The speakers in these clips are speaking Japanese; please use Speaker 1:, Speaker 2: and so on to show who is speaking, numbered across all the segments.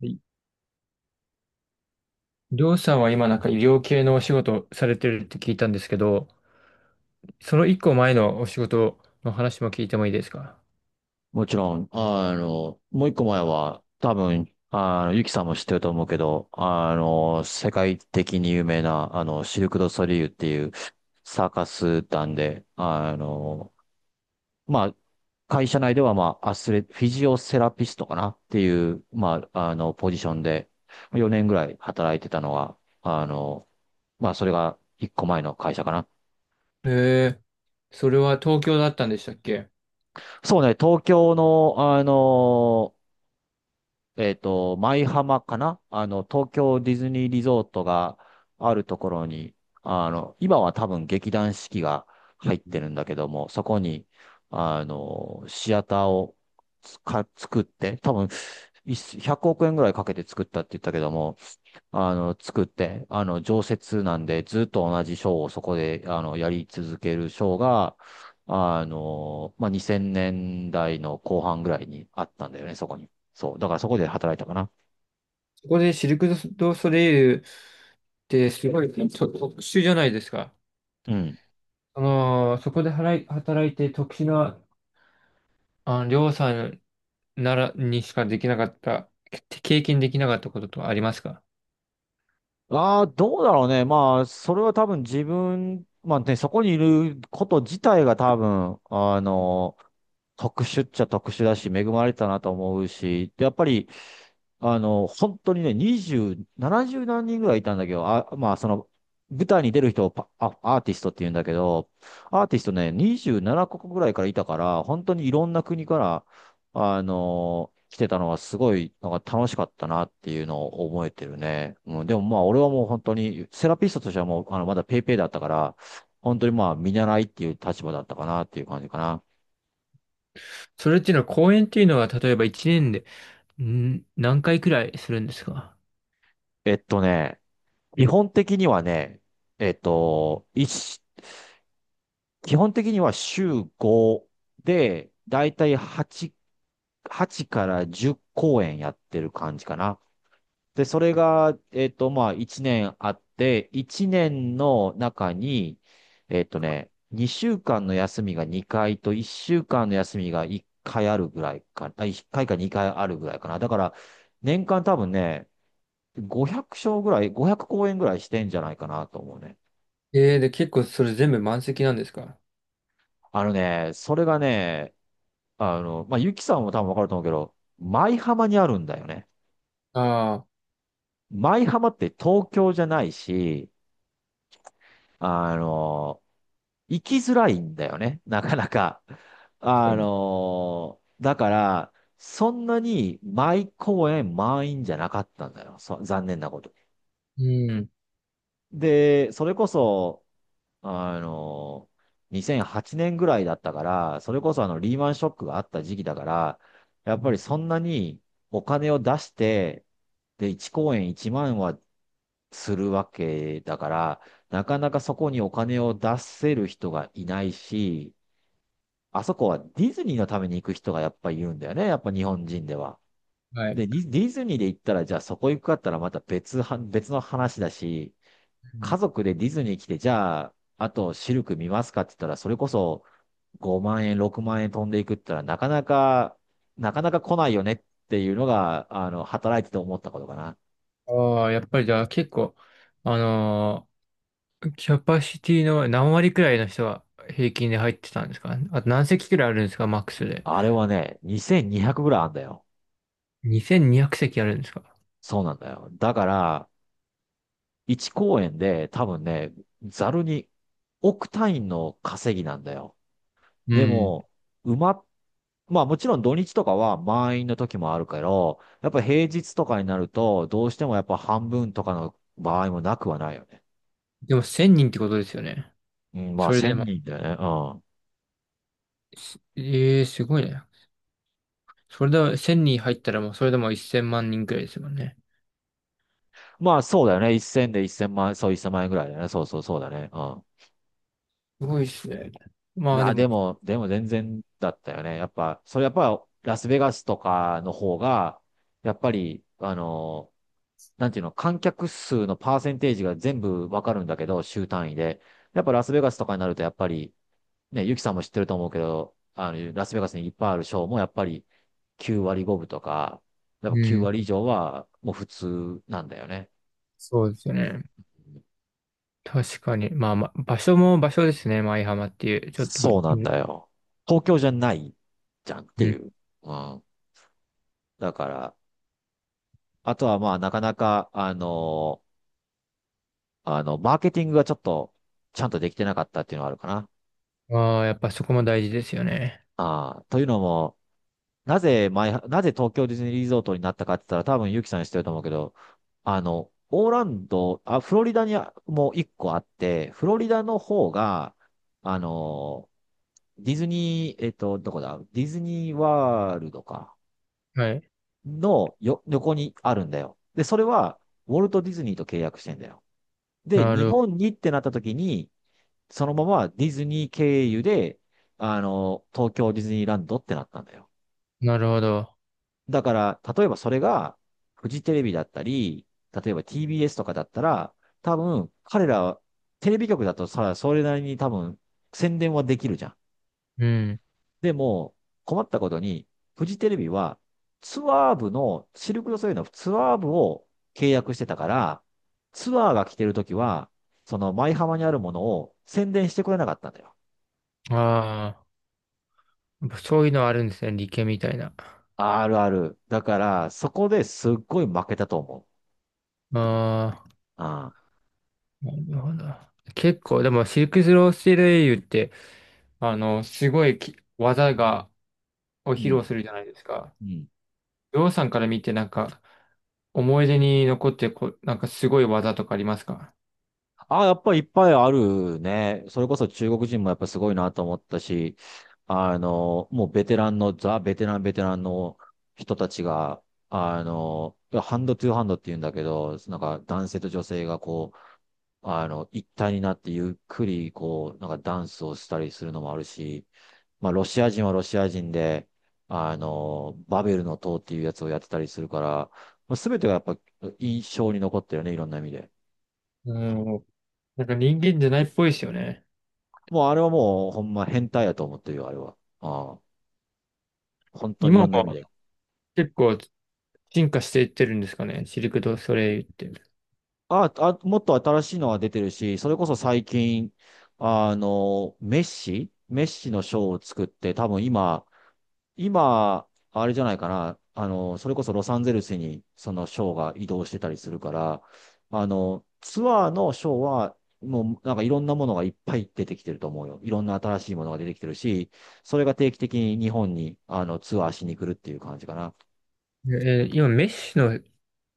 Speaker 1: いりょうさんは今なんか医療系のお仕事をされてるって聞いたんですけど、その一個前のお仕事の話も聞いてもいいですか？
Speaker 2: もちろん、もう一個前は、多分、ゆきさんも知ってると思うけど、世界的に有名な、シルク・ドゥ・ソリューっていうサーカス団で、まあ、会社内では、まあ、アスレ、フィジオセラピストかなっていう、まあ、ポジションで、4年ぐらい働いてたのが、まあ、それが一個前の会社かな。
Speaker 1: へえ、それは東京だったんでしたっけ？
Speaker 2: そうね、東京の、舞浜かな、東京ディズニーリゾートがあるところに、今は多分劇団四季が入ってるんだけども、そこに、シアターを作って、多分、100億円ぐらいかけて作ったって言ったけども、作って、常設なんで、ずっと同じショーをそこで、やり続けるショーが、まあ、2000年代の後半ぐらいにあったんだよね、そこに。そう。だからそこで働いたかな。
Speaker 1: そこでシルク・ドゥソレイユってすごいと特殊じゃないですか。
Speaker 2: うん。
Speaker 1: その、そこで働いて特殊な、あの、りょうさんならにしかできなかった、経験できなかったこととかありますか？
Speaker 2: ああ、どうだろうね。まあ、それは多分自分、まあね、そこにいること自体が多分、特殊っちゃ特殊だし、恵まれたなと思うし、でやっぱり、本当にね、2 70何人ぐらいいたんだけど、あ、まあ、その、舞台に出る人をアーティストって言うんだけど、アーティストね、27カ国ぐらいからいたから、本当にいろんな国から、来てたのはすごい、なんか楽しかったなっていうのを覚えてるね。うん、でもまあ、俺はもう本当に、セラピストとしてはもう、まだペイペイだったから、本当にまあ、見習いっていう立場だったかなっていう感じかな。
Speaker 1: それっていうのは、講演っていうのは、例えば1年で、何回くらいするんですか？
Speaker 2: えっとね、基本的にはね、えっと、一基本的には週5で、だいたい8から10公演やってる感じかな。で、それが、まあ、1年あって、1年の中に、2週間の休みが2回と、1週間の休みが1回か2回あるぐらいかな。だから、年間多分ね、500公演ぐらいしてんじゃないかなと思うね。
Speaker 1: で、結構それ全部満席なんですか？
Speaker 2: それがね、まあ、ゆきさんも多分わかると思うけど、舞浜にあるんだよね。
Speaker 1: ああ
Speaker 2: 舞浜って東京じゃないし、あの、行きづらいんだよね、なかなか。
Speaker 1: ー、確かに。
Speaker 2: だから、そんなに舞公演満員じゃなかったんだよ。残念なことに。
Speaker 1: うん。
Speaker 2: で、それこそ、あの、2008年ぐらいだったから、それこそあのリーマンショックがあった時期だから、や
Speaker 1: う
Speaker 2: っぱり
Speaker 1: ん。
Speaker 2: そんなにお金を出して、で、1公演1万はするわけだから、なかなかそこにお金を出せる人がいないし、あそこはディズニーのために行く人がやっぱりいるんだよね、やっぱ日本人では。
Speaker 1: はい。
Speaker 2: で、ディズニーで行ったら、じゃあそこ行くかったらまた別の話だし、
Speaker 1: うん。
Speaker 2: 家族でディズニー来て、じゃあ、あとシルク見ますかって言ったら、それこそ5万円、6万円飛んでいくって言ったら、なかなか、なかなか来ないよねっていうのが、働いてて思ったことかな。
Speaker 1: ああ、やっぱりじゃあ結構、あのーキャパシティの何割くらいの人は平均で入ってたんですか？あと何席くらいあるんですか？マックスで。
Speaker 2: あれはね、2200ぐらいあんだよ。
Speaker 1: 2200席あるんですか？
Speaker 2: そうなんだよ。だから、1公演で多分ね、ざるに億単位の稼ぎなんだよ。
Speaker 1: う
Speaker 2: で
Speaker 1: ん。
Speaker 2: も、埋まっ、まあもちろん土日とかは満員の時もあるけど、やっぱ平日とかになると、どうしてもやっぱ半分とかの場合もなくはないよね。
Speaker 1: でも1000人ってことですよね。
Speaker 2: うん、まあ
Speaker 1: それで
Speaker 2: 1000
Speaker 1: も、
Speaker 2: 人だよね。うん。
Speaker 1: すええー、すごいね。それで1000人入ったらもうそれでも1000万人くらいですもんね。
Speaker 2: まあそうだよね。1000で1000万円、そう1 0万円ぐらいだよね。そうそうそうだね。うん。
Speaker 1: すごいですね。まあで
Speaker 2: で
Speaker 1: も、
Speaker 2: も、でも全然だったよね。やっぱ、それやっぱラスベガスとかの方が、やっぱり、なんていうの、観客数のパーセンテージが全部わかるんだけど、週単位で。やっぱラスベガスとかになると、やっぱり、ね、ユキさんも知ってると思うけど、ラスベガスにいっぱいあるショーも、やっぱり9割5分とか、やっ
Speaker 1: う
Speaker 2: ぱ9
Speaker 1: ん、
Speaker 2: 割以上はもう普通なんだよね。
Speaker 1: そうですよね。確かに。まあまあ、場所も場所ですね。舞浜っていう。ちょっと
Speaker 2: そ
Speaker 1: ぶ、
Speaker 2: う
Speaker 1: う
Speaker 2: なん
Speaker 1: ん。
Speaker 2: だよ。東京じゃないじゃんってい
Speaker 1: う
Speaker 2: う。うん。だから、あとはまあ、なかなか、マーケティングがちょっと、ちゃんとできてなかったっていうのはあるかな。
Speaker 1: ん。ああ、やっぱそこも大事ですよね。
Speaker 2: ああ、というのも、なぜ東京ディズニーリゾートになったかって言ったら、多分ユキさん知ってると思うけど、オーランド、あ、フロリダにもう一個あって、フロリダの方が、あの、ディズニー、どこだディズニーワールドか。
Speaker 1: はい。
Speaker 2: のよ、横にあるんだよ。で、それは、ウォルト・ディズニーと契約してんだよ。で、
Speaker 1: な
Speaker 2: 日
Speaker 1: る、
Speaker 2: 本にってなった時に、そのままディズニー経由で、東京ディズニーランドってなったんだよ。
Speaker 1: なるほど。
Speaker 2: だから、例えばそれが、フジテレビだったり、例えば TBS とかだったら、多分、彼ら、テレビ局だとさ、それなりに多分、宣伝はできるじゃん。
Speaker 1: うん。
Speaker 2: でも、困ったことに、フジテレビはツアー部の、シルク・ドゥソレイユのツアー部を契約してたから、ツアーが来てるときは、その舞浜にあるものを宣伝してくれなかったんだよ。
Speaker 1: ああ、やっぱそういうのあるんですね。理系みたいな。あ
Speaker 2: あるある。だから、そこですっごい負けたと思う。
Speaker 1: あ。
Speaker 2: ああ。
Speaker 1: なるほど。結構、でも、シルク・スロー・スティールエイユって、あの、すごい技を
Speaker 2: う
Speaker 1: 披
Speaker 2: ん。
Speaker 1: 露するじゃないですか。
Speaker 2: うん。
Speaker 1: りょうさんから見て、なんか、思い出に残ってこう、なんかすごい技とかありますか？
Speaker 2: あ、やっぱりいっぱいあるね。それこそ中国人もやっぱすごいなと思ったし、もうベテランの、ザ・ベテラン、ベテランの人たちが、ハンドトゥーハンドって言うんだけど、なんか男性と女性がこう、一体になってゆっくりこう、なんかダンスをしたりするのもあるし、まあ、ロシア人はロシア人で、バベルの塔っていうやつをやってたりするから、すべてがやっぱ印象に残ってるね、いろんな意味で。
Speaker 1: うん。なんか人間じゃないっぽいですよね。
Speaker 2: もうあれはもうほんま変態やと思ってるよ、あれは。ああ、本当にいろ
Speaker 1: 今も
Speaker 2: んな意味で。
Speaker 1: 結構進化していってるんですかね、シルク・ドゥ・ソレイユって。
Speaker 2: ああ、もっと新しいのが出てるし、それこそ最近、メッシのショーを作って、多分今、あれじゃないかな。それこそロサンゼルスにそのショーが移動してたりするから、ツアーのショーは、もうなんかいろんなものがいっぱい出てきてると思うよ。いろんな新しいものが出てきてるし、それが定期的に日本にあのツアーしに来るっていう感じかな。
Speaker 1: 今、メッシの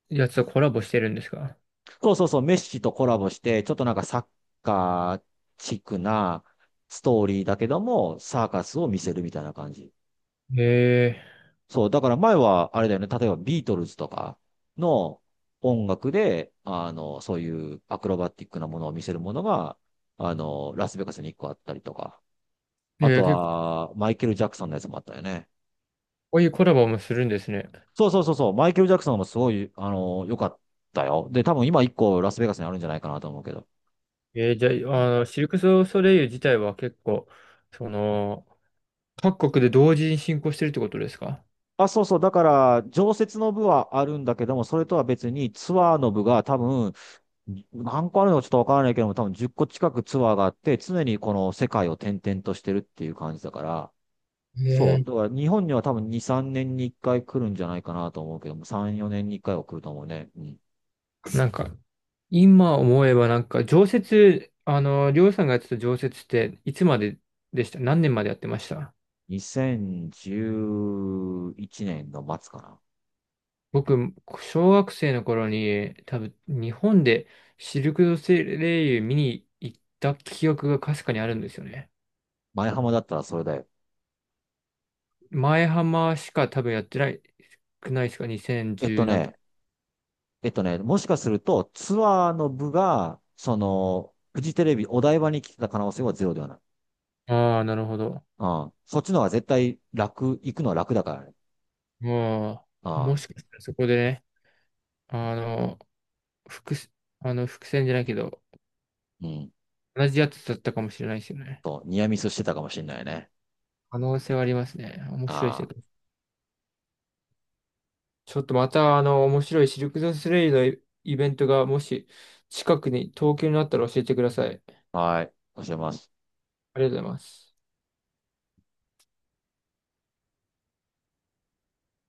Speaker 1: やつとコラボしてるんですか？
Speaker 2: そうそうそう、メッシとコラボして、ちょっとなんかサッカーチックなストーリーだけども、サーカスを見せるみたいな感じ。
Speaker 1: へえ、
Speaker 2: そう、だから前はあれだよね、例えばビートルズとかの音楽で、そういうアクロバティックなものを見せるものが、ラスベガスに1個あったりとか、あと
Speaker 1: 結構、
Speaker 2: はマイケル・ジャクソンのやつもあったよね。
Speaker 1: こういうコラボもするんですね。
Speaker 2: そうそうそうそう、マイケル・ジャクソンもすごい、良かったよ。で、多分今1個ラスベガスにあるんじゃないかなと思うけど。
Speaker 1: じゃあ、あの、シルク・ソソレイユ自体は結構、その、各国で同時に進行してるってことですか？
Speaker 2: あ、そうそう。だから、常設の部はあるんだけども、それとは別にツアーの部が多分、何個あるのかちょっとわからないけども、多分10個近くツアーがあって、常にこの世界を転々としてるっていう感じだから、そう。
Speaker 1: え、
Speaker 2: だから日本には多分2、3年に1回来るんじゃないかなと思うけども、3、4年に1回は来ると思うね。うん。
Speaker 1: なんか、今思えばなんか、常設、あの、りょうさんがやってた常設って、いつまででした？何年までやってました？
Speaker 2: 2011年の末かな。
Speaker 1: 僕、小学生の頃に、多分、日本でシルク・ドソレイユ見に行った記憶がかすかにあるんですよね。
Speaker 2: 前浜だったらそれだよ。
Speaker 1: 前浜しか多分やってない、少ないですか？
Speaker 2: えっと
Speaker 1: 2010 なんと。
Speaker 2: ね、えっとね、もしかするとツアーの部が、その、フジテレビお台場に来てた可能性はゼロではない。
Speaker 1: ああ、なるほど。
Speaker 2: うん。そっちの方が絶対楽、行くのは楽だからね。
Speaker 1: まあ、
Speaker 2: あ
Speaker 1: も
Speaker 2: あ、
Speaker 1: しかしたらそこでね、あの、伏、伏線じゃないけど、
Speaker 2: うん。
Speaker 1: 同じやつだったかもしれないですよね。
Speaker 2: と、ニアミスしてたかもしれないね。
Speaker 1: 可能性はありますね。面白い世
Speaker 2: あ
Speaker 1: 界。ちょっとまた、あの、面白いシルク・ドゥスレイユのイベントが、もし、近くに、東京になったら教えてください。
Speaker 2: あ、はい。教えます。
Speaker 1: ありがとうございます。